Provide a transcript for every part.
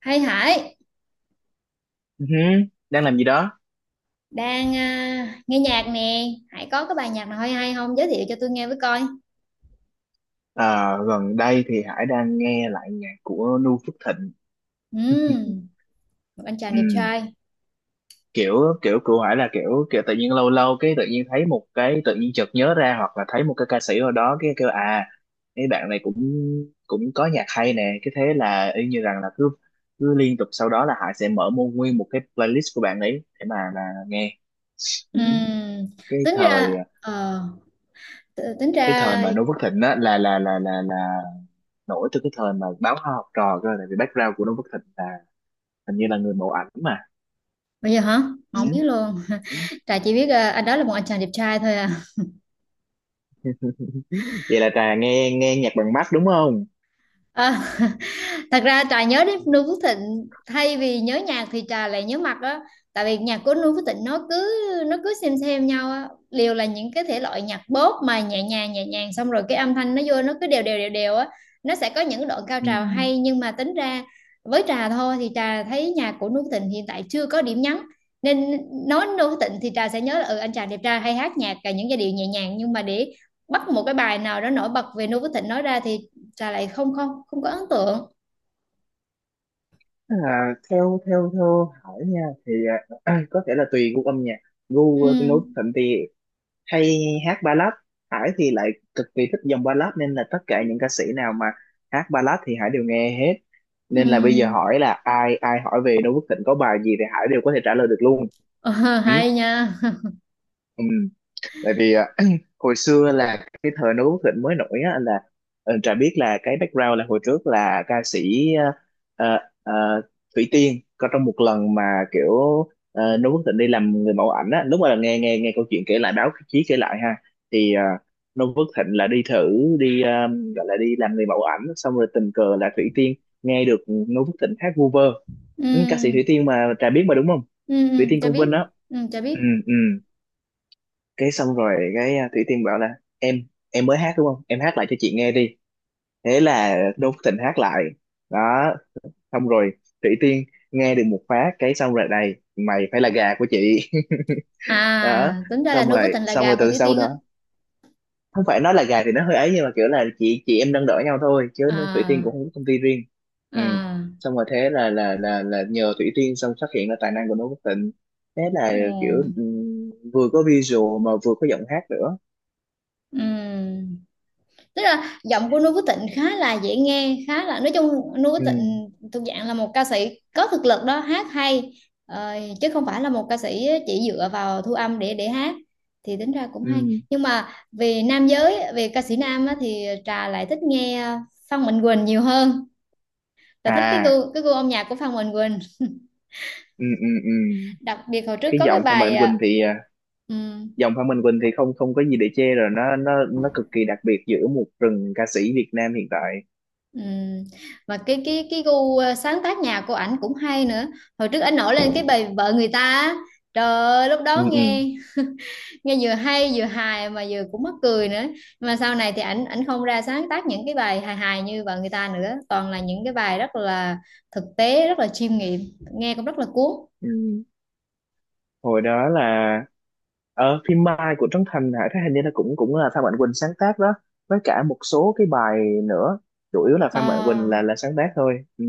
Hay Hải Ừ hứ, đang làm gì đó? Nghe nhạc nè. Hải có cái bài nhạc nào hay hay không giới thiệu cho tôi nghe với coi. Ờ, Gần đây thì Hải đang nghe lại nhạc của Nu Phước Thịnh. Ừm, một anh chàng đẹp Ừ, trai. kiểu kiểu của Hải là kiểu kiểu tự nhiên, lâu lâu cái tự nhiên thấy một cái, tự nhiên chợt nhớ ra hoặc là thấy một cái ca sĩ ở đó cái kêu cái bạn này cũng cũng có nhạc hay nè, cái thế là y như rằng là cứ cứ liên tục sau đó là Hải sẽ mở một nguyên một cái playlist của bạn ấy để mà là nghe. Ừ. Ừm, cái tính thời ra tính cái thời ra mà Nu Phước Thịnh á là nổi từ cái thời mà báo Hoa Học Trò cơ, tại vì background của Noo Phước Thịnh là hình như là người mẫu ảnh mà. bây giờ hả? Mà Ừ. không biết luôn. Trà chỉ biết anh đó là một anh chàng đẹp trai thôi à, Ừ. Vậy là Trà nghe nghe nhạc bằng mắt đúng không? à. Thật ra trà nhớ đến Noo Phước Thịnh thay vì nhớ nhạc thì trà lại nhớ mặt á. Tại vì nhạc của Noo Phước Thịnh nó cứ xem nhau á, liều là những cái thể loại nhạc pop mà nhẹ nhàng xong rồi cái âm thanh nó vô nó cứ đều đều á. Nó sẽ có những đoạn cao Ừ. trào hay nhưng mà tính ra với trà thôi thì trà thấy nhạc của Noo Phước Thịnh hiện tại chưa có điểm nhấn, nên nói Noo Phước Thịnh thì trà sẽ nhớ là ừ, anh chàng đẹp trai hay hát nhạc cả những giai điệu nhẹ nhàng, nhưng mà để bắt một cái bài nào đó nổi bật về Noo Phước Thịnh nói ra thì trà lại không không không có ấn tượng. À, theo theo theo Hải nha thì có thể là tùy gu âm nhạc. Gu Noo Phước Ừ. Thịnh thì hay hát ballad. Hải thì lại cực kỳ thích dòng ballad, nên là tất cả những ca sĩ nào mà hát ballad thì Hải đều nghe hết. Ừ. Nên là bây giờ hỏi là ai ai hỏi về Noo Phước Thịnh có bài gì thì Hải đều có thể trả lời được luôn. Ờ, Ừ. hay nha. Ừ. Tại vì hồi xưa là cái thời Noo Quốc Thịnh mới nổi á, anh là Trà biết là cái background là hồi trước là ca sĩ ờ, ờ, Thủy Tiên. Có trong một lần mà kiểu Noo Quốc Thịnh đi làm người mẫu ảnh á, lúc mà nghe nghe nghe câu chuyện kể lại, báo chí kể lại ha, thì Noo Quốc Thịnh là đi thử, đi gọi là đi làm người mẫu ảnh, xong rồi tình cờ là Thủy Tiên nghe được Noo Quốc Thịnh hát vu vơ. Ừ, ca sĩ Thủy ừ Tiên mà Trà biết mà đúng không? ừ. Ừ, Thủy Tiên cho Công Vinh biết. á. Ừ, cho Ừ, biết. ừ, cái xong rồi cái Thủy Tiên bảo là: em em mới hát đúng không, em hát lại cho chị nghe đi. Thế là Đỗ Phúc Thịnh hát lại. Đó, xong rồi Thủy Tiên nghe được một phát, cái xong rồi này, mày phải là gà của chị. À, Đó, tính ra là nuôi với tình là xong rồi gà của từ Thủy sau Tiên đó, á. không phải nói là gà thì nó hơi ấy, nhưng mà kiểu là chị em nâng đỡ nhau thôi chứ. Thủy Tiên À. cũng không có công ty riêng. Ừ. À. Xong rồi thế là nhờ Thủy Tiên xong phát hiện ra tài năng của Đỗ Quốc Tịnh. Thế là kiểu Ừ. Vừa có visual mà vừa có giọng hát nữa. Ừ. Tức là giọng của Noo Phước Thịnh khá là dễ nghe, khá là nói chung Noo Phước Ừ. Thịnh thuộc dạng là một ca sĩ có thực lực đó, hát hay, ờ, chứ không phải là một ca sĩ chỉ dựa vào thu âm để hát, thì tính ra cũng hay. Ừ. Nhưng mà về nam giới, về ca sĩ nam á, thì Trà lại thích nghe Phan Mạnh Quỳnh nhiều hơn. Trà thích cái À. gu cái gu âm nhạc của Phan Mạnh Quỳnh. Ừ. Ừ. Ừ. Đặc biệt hồi trước cái có cái giọng Phạm bài Mạnh Quỳnh thì à, ừ. Giọng Phạm Mạnh Quỳnh thì không không có gì để chê rồi, nó cực kỳ đặc biệt giữa một rừng ca sĩ Việt Nam hiện tại. Ừ. Và cái gu, sáng tác nhạc của ảnh cũng hay nữa. Hồi trước ảnh nổi lên cái bài vợ người ta á. Trời ơi, lúc Ừ. đó Ừ. nghe nghe vừa hay vừa hài mà vừa cũng mắc cười nữa. Nhưng mà sau này thì ảnh ảnh không ra sáng tác những cái bài hài hài như vợ người ta nữa, toàn là những cái bài rất là thực tế, rất là chiêm nghiệm, nghe cũng rất là cuốn. Ừ. Hồi đó là ở phim Mai của Trấn Thành hả, thấy hình như là cũng cũng là Phan Mạnh Quỳnh sáng tác đó, với cả một số cái bài nữa. Chủ yếu là Phan Mạnh Ờ, Quỳnh là sáng tác thôi. Ừ,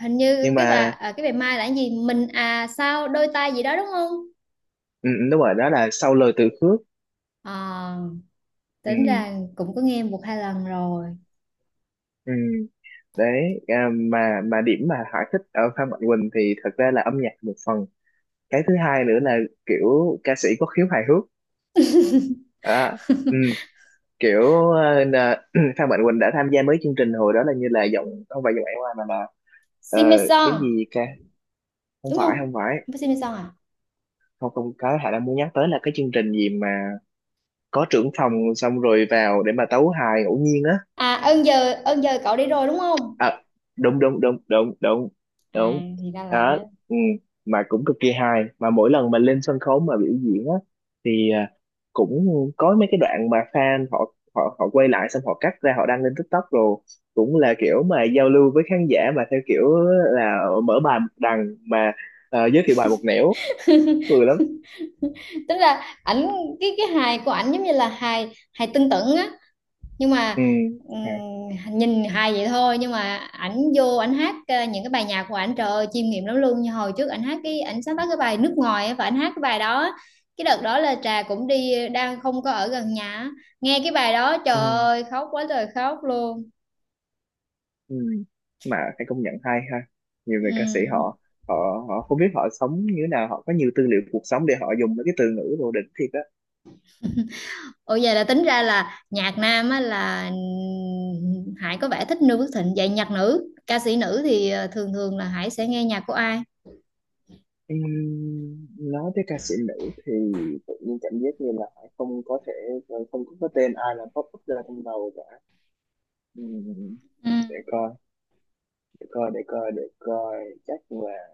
hình như nhưng cái mà bài cái bài Mai là cái gì mình, à, sao đôi ta gì đó đúng không? ừ, ừ, đúng rồi, đó là Sau Lời Từ Khước. Ờ, Ừ. tính ra cũng có nghe một hai lần rồi. Ừ. Đấy, mà điểm mà Hải thích ở Phan Mạnh Quỳnh thì thật ra là âm nhạc một phần. Cái thứ hai nữa là kiểu ca sĩ có khiếu hài hước. à, ừ, Kiểu Phan Mạnh Quỳnh đã tham gia mấy chương trình hồi đó, là như là giọng, không phải giọng Ải Hoa mà là ờ, cái Simmeson, gì ca, không đúng không? phải, không phải, Không phải Simpson à? không không có, Hải đang muốn nhắc tới là cái chương trình gì mà có trưởng phòng xong rồi vào để mà tấu hài ngẫu nhiên á. À, ơn giờ, ơn giờ cậu đi rồi đúng không? à, đúng đúng đúng đúng đúng À, đúng, thì ra là đó. cái Ừ. Mà cũng cực kỳ hài, mà mỗi lần mà lên sân khấu mà biểu diễn á, thì cũng có mấy cái đoạn mà fan họ họ họ quay lại, xong họ cắt ra họ đăng lên TikTok rồi, cũng là kiểu mà giao lưu với khán giả mà theo kiểu là mở bài một đằng mà giới thiệu bài một nẻo, cười lắm. tức là ảnh, cái hài của ảnh giống như là hài hài tưng tửng á, nhưng mà Ừ. À. Nhìn hài vậy thôi nhưng mà ảnh vô ảnh hát, những cái bài nhạc của ảnh trời ơi chiêm nghiệm lắm luôn, như hồi trước ảnh hát cái ảnh sáng tác cái bài nước ngoài á, và ảnh hát cái bài đó á. Cái đợt đó là trà cũng đi đang không có ở gần nhà á. Nghe cái bài đó trời Ừ. ơi khóc quá trời khóc luôn. Ừ. Mà phải công nhận hay ha, nhiều người Ừ. ca sĩ họ, họ họ không biết họ sống như thế nào, họ có nhiều tư liệu cuộc sống để họ dùng mấy cái từ ngữ đồ đỉnh thiệt á. Ủa vậy là tính ra là nhạc nam á là Hải có vẻ thích Noo Phước Thịnh. Vậy nhạc nữ, ca sĩ nữ thì thường thường là Hải sẽ nghe nhạc của ai? Nói tới ca sĩ nữ thì tự nhiên cảm giác như là không có thể, không có cái tên ai là pop up ra trong đầu cả. Ừm, Ừ. để coi, để coi để coi để coi, chắc là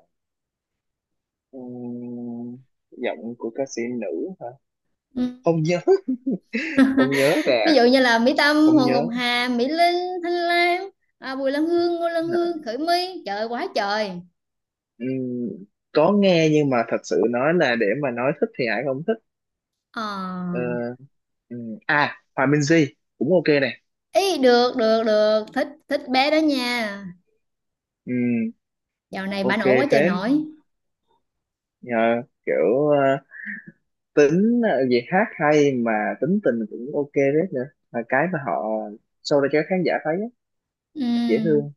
ừm, giọng của ca sĩ nữ hả? Ừ. Không nhớ, không nhớ ra, Ví dụ như là Mỹ Tâm, không Hồ nhớ. Ngọc Hà, Mỹ Linh, Thanh Lam, à, Bùi Lan Hương, Ngô Lan Hương, Khởi My. Trời ơi, quá trời. Ừm, có nghe nhưng mà thật sự nói là để mà nói thích thì Hải không thích. Ờ. Ờ, Hòa Minzy cũng ok này. Ý được, được, được. Thích, thích bé đó nha. Ừm, Dạo này bà ok nổi quá trời phết. nổi. Nhờ kiểu tính gì hát hay mà, tính tình cũng ok phết nữa, là cái mà họ show ra cho khán giả thấy á, dễ Ừ. thương.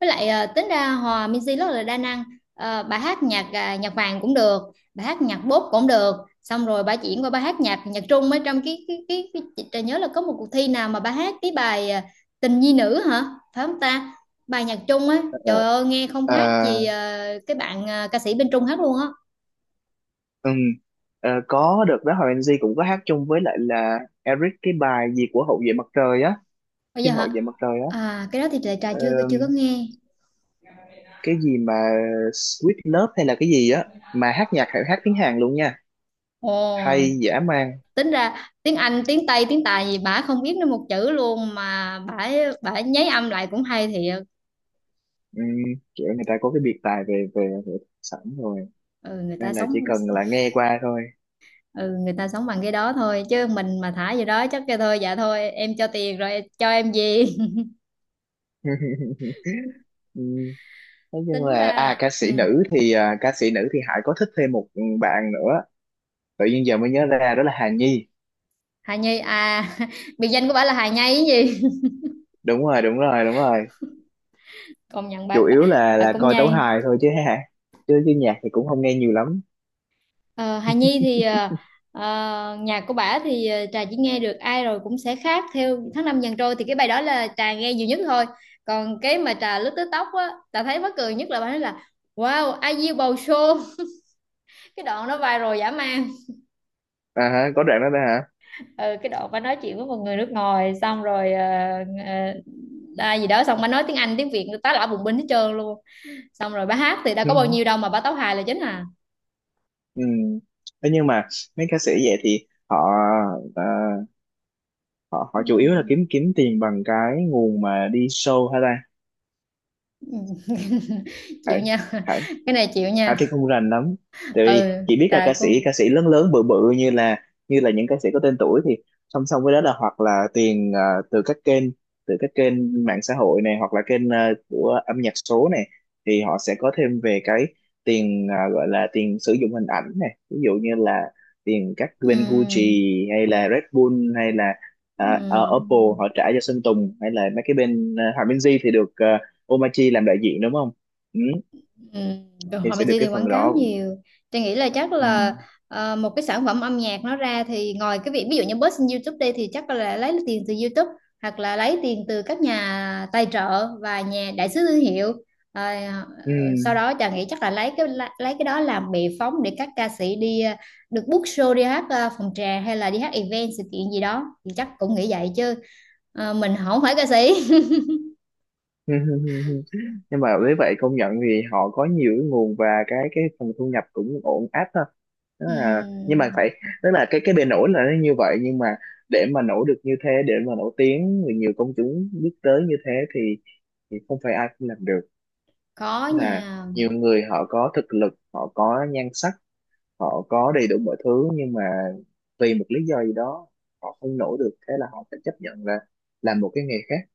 Với lại tính ra Hòa Minzy rất là đa năng. Ờ, bà hát nhạc nhạc vàng cũng được, bà hát nhạc bốp cũng được, xong rồi bà chuyển qua bà hát nhạc nhạc Trung ở trong cái chị Trà nhớ là có một cuộc thi nào mà bà hát cái bài tình nhi nữ hả, phải không ta? Bài nhạc Trung á, Ờ, trời ơi nghe không ờ, khác gì cái bạn ca sĩ bên Trung hát luôn á. ừm, có được đó, Hòa Minh Di cũng có hát chung với lại là Eric cái bài gì của Hậu vệ mặt trời á, Bây giờ phim Hậu hả? vệ mặt trời À, cái đó thì Trà Trà á, chưa chưa có nghe. cái gì mà Sweet Love hay là cái gì á, mà hát nhạc phải hát tiếng Hàn luôn nha, Ồ, hay dã man. tính ra tiếng Anh tiếng Tây tiếng Tài gì bả không biết nữa một chữ luôn mà bả bả nháy âm lại cũng hay thiệt. Ừ, kiểu người ta có cái biệt tài về về, về sẵn rồi Ừ, người ta nên là chỉ sống. cần là nghe qua thôi. Ừ, người ta sống bằng cái đó thôi chứ mình mà thả gì đó chắc kêu thôi dạ thôi em cho tiền rồi cho em gì. Ừ. Nói chung Tính là ra, ừ. Ca sĩ nữ thì Hải có thích thêm một bạn nữa, tự nhiên giờ mới nhớ ra đó là Hà Nhi. Hà Nhi à? Biệt danh của bà là Hà Nhi cái gì? Đúng rồi đúng rồi đúng rồi. Công nhận bà, Chủ yếu bà là cũng coi tấu nhây. hài thôi chứ hả, chứ chứ nhạc thì cũng không nghe nhiều lắm. Ờ, Hà Nhi thì nhạc của bà thì Trà chỉ nghe được ai rồi cũng sẽ khác theo tháng năm dần trôi, thì cái bài đó là Trà nghe nhiều nhất thôi. Còn cái mà Trà lướt TikTok á, Trà thấy mắc cười nhất là bà nói là wow I yêu bầu show. Cái đoạn đó viral dã man. À hả, có đoạn đó đó. Ừ, cái đoạn bà nói chuyện với một người nước ngoài xong rồi ờ, gì đó xong bà nói tiếng Anh tiếng Việt tá lả bùng binh hết trơn luôn, xong rồi bà hát thì đâu Hả. có bao nhiêu đâu mà bà tấu hài là chính à. Ừ. Thế nhưng mà mấy ca sĩ vậy thì họ ờ, họ Ừ. họ chủ yếu là kiếm kiếm tiền bằng cái nguồn mà đi show hả ta? Chịu Phải, nha. phải. Cái này chịu Hà nha. thì không rành lắm, tại vì Ừ, chỉ biết là trời ca sĩ cô. ca sĩ lớn lớn bự bự, như là những ca sĩ có tên tuổi thì song song với đó là hoặc là tiền từ các kênh từ các kênh mạng xã hội này, hoặc là kênh của âm nhạc số này, thì họ sẽ có thêm về cái tiền gọi là tiền sử dụng hình ảnh này, ví dụ như là tiền các Ừ. bên Gucci hay là Red Bull hay là Ừ. Oppo họ trả cho Sơn Tùng, hay là mấy cái bên Hòa Minzy thì được Omachi làm đại diện đúng không? Ừ, Ừ, rồi thì họ Mỹ sẽ được thì cái phần quảng cáo đó. nhiều. Tôi nghĩ là chắc Ừ. là một cái sản phẩm âm nhạc nó ra thì ngoài cái việc ví dụ như post trên YouTube đây thì chắc là lấy tiền từ YouTube, hoặc là lấy tiền từ các nhà tài trợ và nhà đại sứ thương hiệu. Ờ, Ừ. sau đó chàng nghĩ chắc là lấy cái đó làm bệ phóng để các ca sĩ đi, được book show đi hát phòng trà hay là đi hát event sự kiện gì đó, thì chắc cũng nghĩ vậy chứ. Ờ, mình không phải ca sĩ. Nhưng mà với vậy công nhận thì họ có nhiều cái nguồn, và cái phần thu nhập cũng ổn áp ha. Đó là, nhưng mà Ừm, phải, tức là cái bề nổi là nó như vậy, nhưng mà để mà nổi được như thế, để mà nổi tiếng, người nhiều công chúng biết tới như thế thì, không phải ai cũng làm được. có Tức là nha. nhiều người họ có thực lực, họ có nhan sắc, họ có đầy đủ mọi thứ, nhưng mà vì một lý do gì đó họ không nổi được, thế là họ phải chấp nhận là làm một cái nghề khác.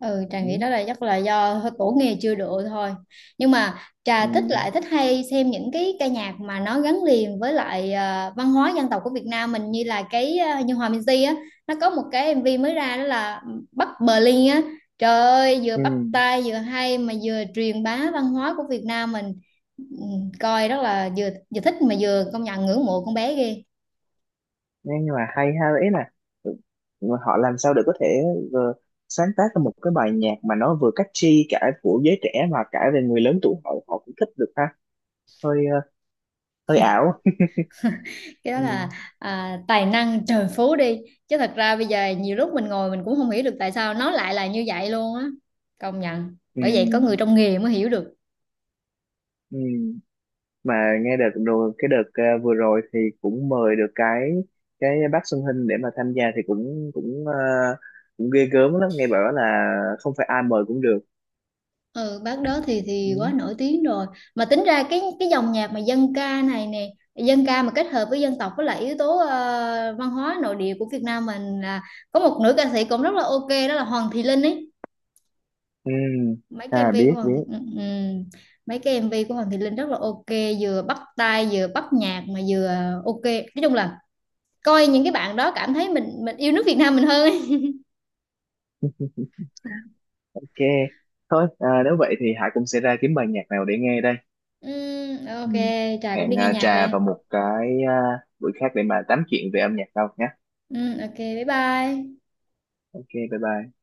Ừ, Trà nghĩ Ừ. đó là chắc là do tổ nghề chưa độ thôi, nhưng mà Trà Ừ. thích lại thích hay xem những cái ca nhạc mà nó gắn liền với lại văn hóa dân tộc của Việt Nam mình, như là cái như Hòa Minzy á, nó có một cái MV mới ra đó là Bắc Berlin á, trời ơi vừa Ừ, bắt tai vừa hay mà vừa truyền bá văn hóa của Việt Nam mình. Ừ, coi rất là vừa vừa thích mà vừa công nhận ngưỡng mộ con bé ghê. nhưng mà hay ha, ý là ừ, họ làm sao để có thể ờ, sáng tác ra một cái bài nhạc mà nó vừa catchy cả của giới trẻ mà cả về người lớn tuổi họ họ cũng thích được ha, hơi hơi ảo. Cái đó Ừ, là, à, tài năng trời phú đi, chứ thật ra bây giờ nhiều lúc mình ngồi mình cũng không hiểu được tại sao nó lại là như vậy luôn á. Công nhận, ừ, bởi vậy có người trong nghề mới hiểu được. ừ. Mà nghe đợt rồi, cái đợt vừa rồi thì cũng mời được cái bác Xuân Hinh để mà tham gia, thì cũng cũng ờ, cũng ghê gớm lắm, nghe bảo là không phải ai mời cũng được. Ừ, bác đó thì Ừ. quá nổi tiếng rồi. Mà tính ra cái dòng nhạc mà dân ca này nè, dân ca mà kết hợp với dân tộc với lại yếu tố văn hóa nội địa của Việt Nam mình là có một nữ ca sĩ cũng rất là ok, đó là Hoàng Thị Linh ấy. Ừ. Mấy cái À, MV của biết Hoàng Thị, biết. ừ, ừ. Mấy cái MV của Hoàng Thị Linh rất là ok, vừa bắt tai vừa bắt nhạc mà vừa ok, nói chung là coi những cái bạn đó cảm thấy mình yêu nước Việt Nam mình hơn ấy. Ok, thôi à, nếu vậy thì Hải cũng sẽ ra kiếm bài nhạc nào để nghe đây. Ừ, Ừ. ok. Trà cũng Hẹn đi nghe nhạc trà đây. vào một cái buổi khác để mà tám chuyện về âm nhạc đâu nhé. Ừ, ok, bye bye. Ok, bye bye.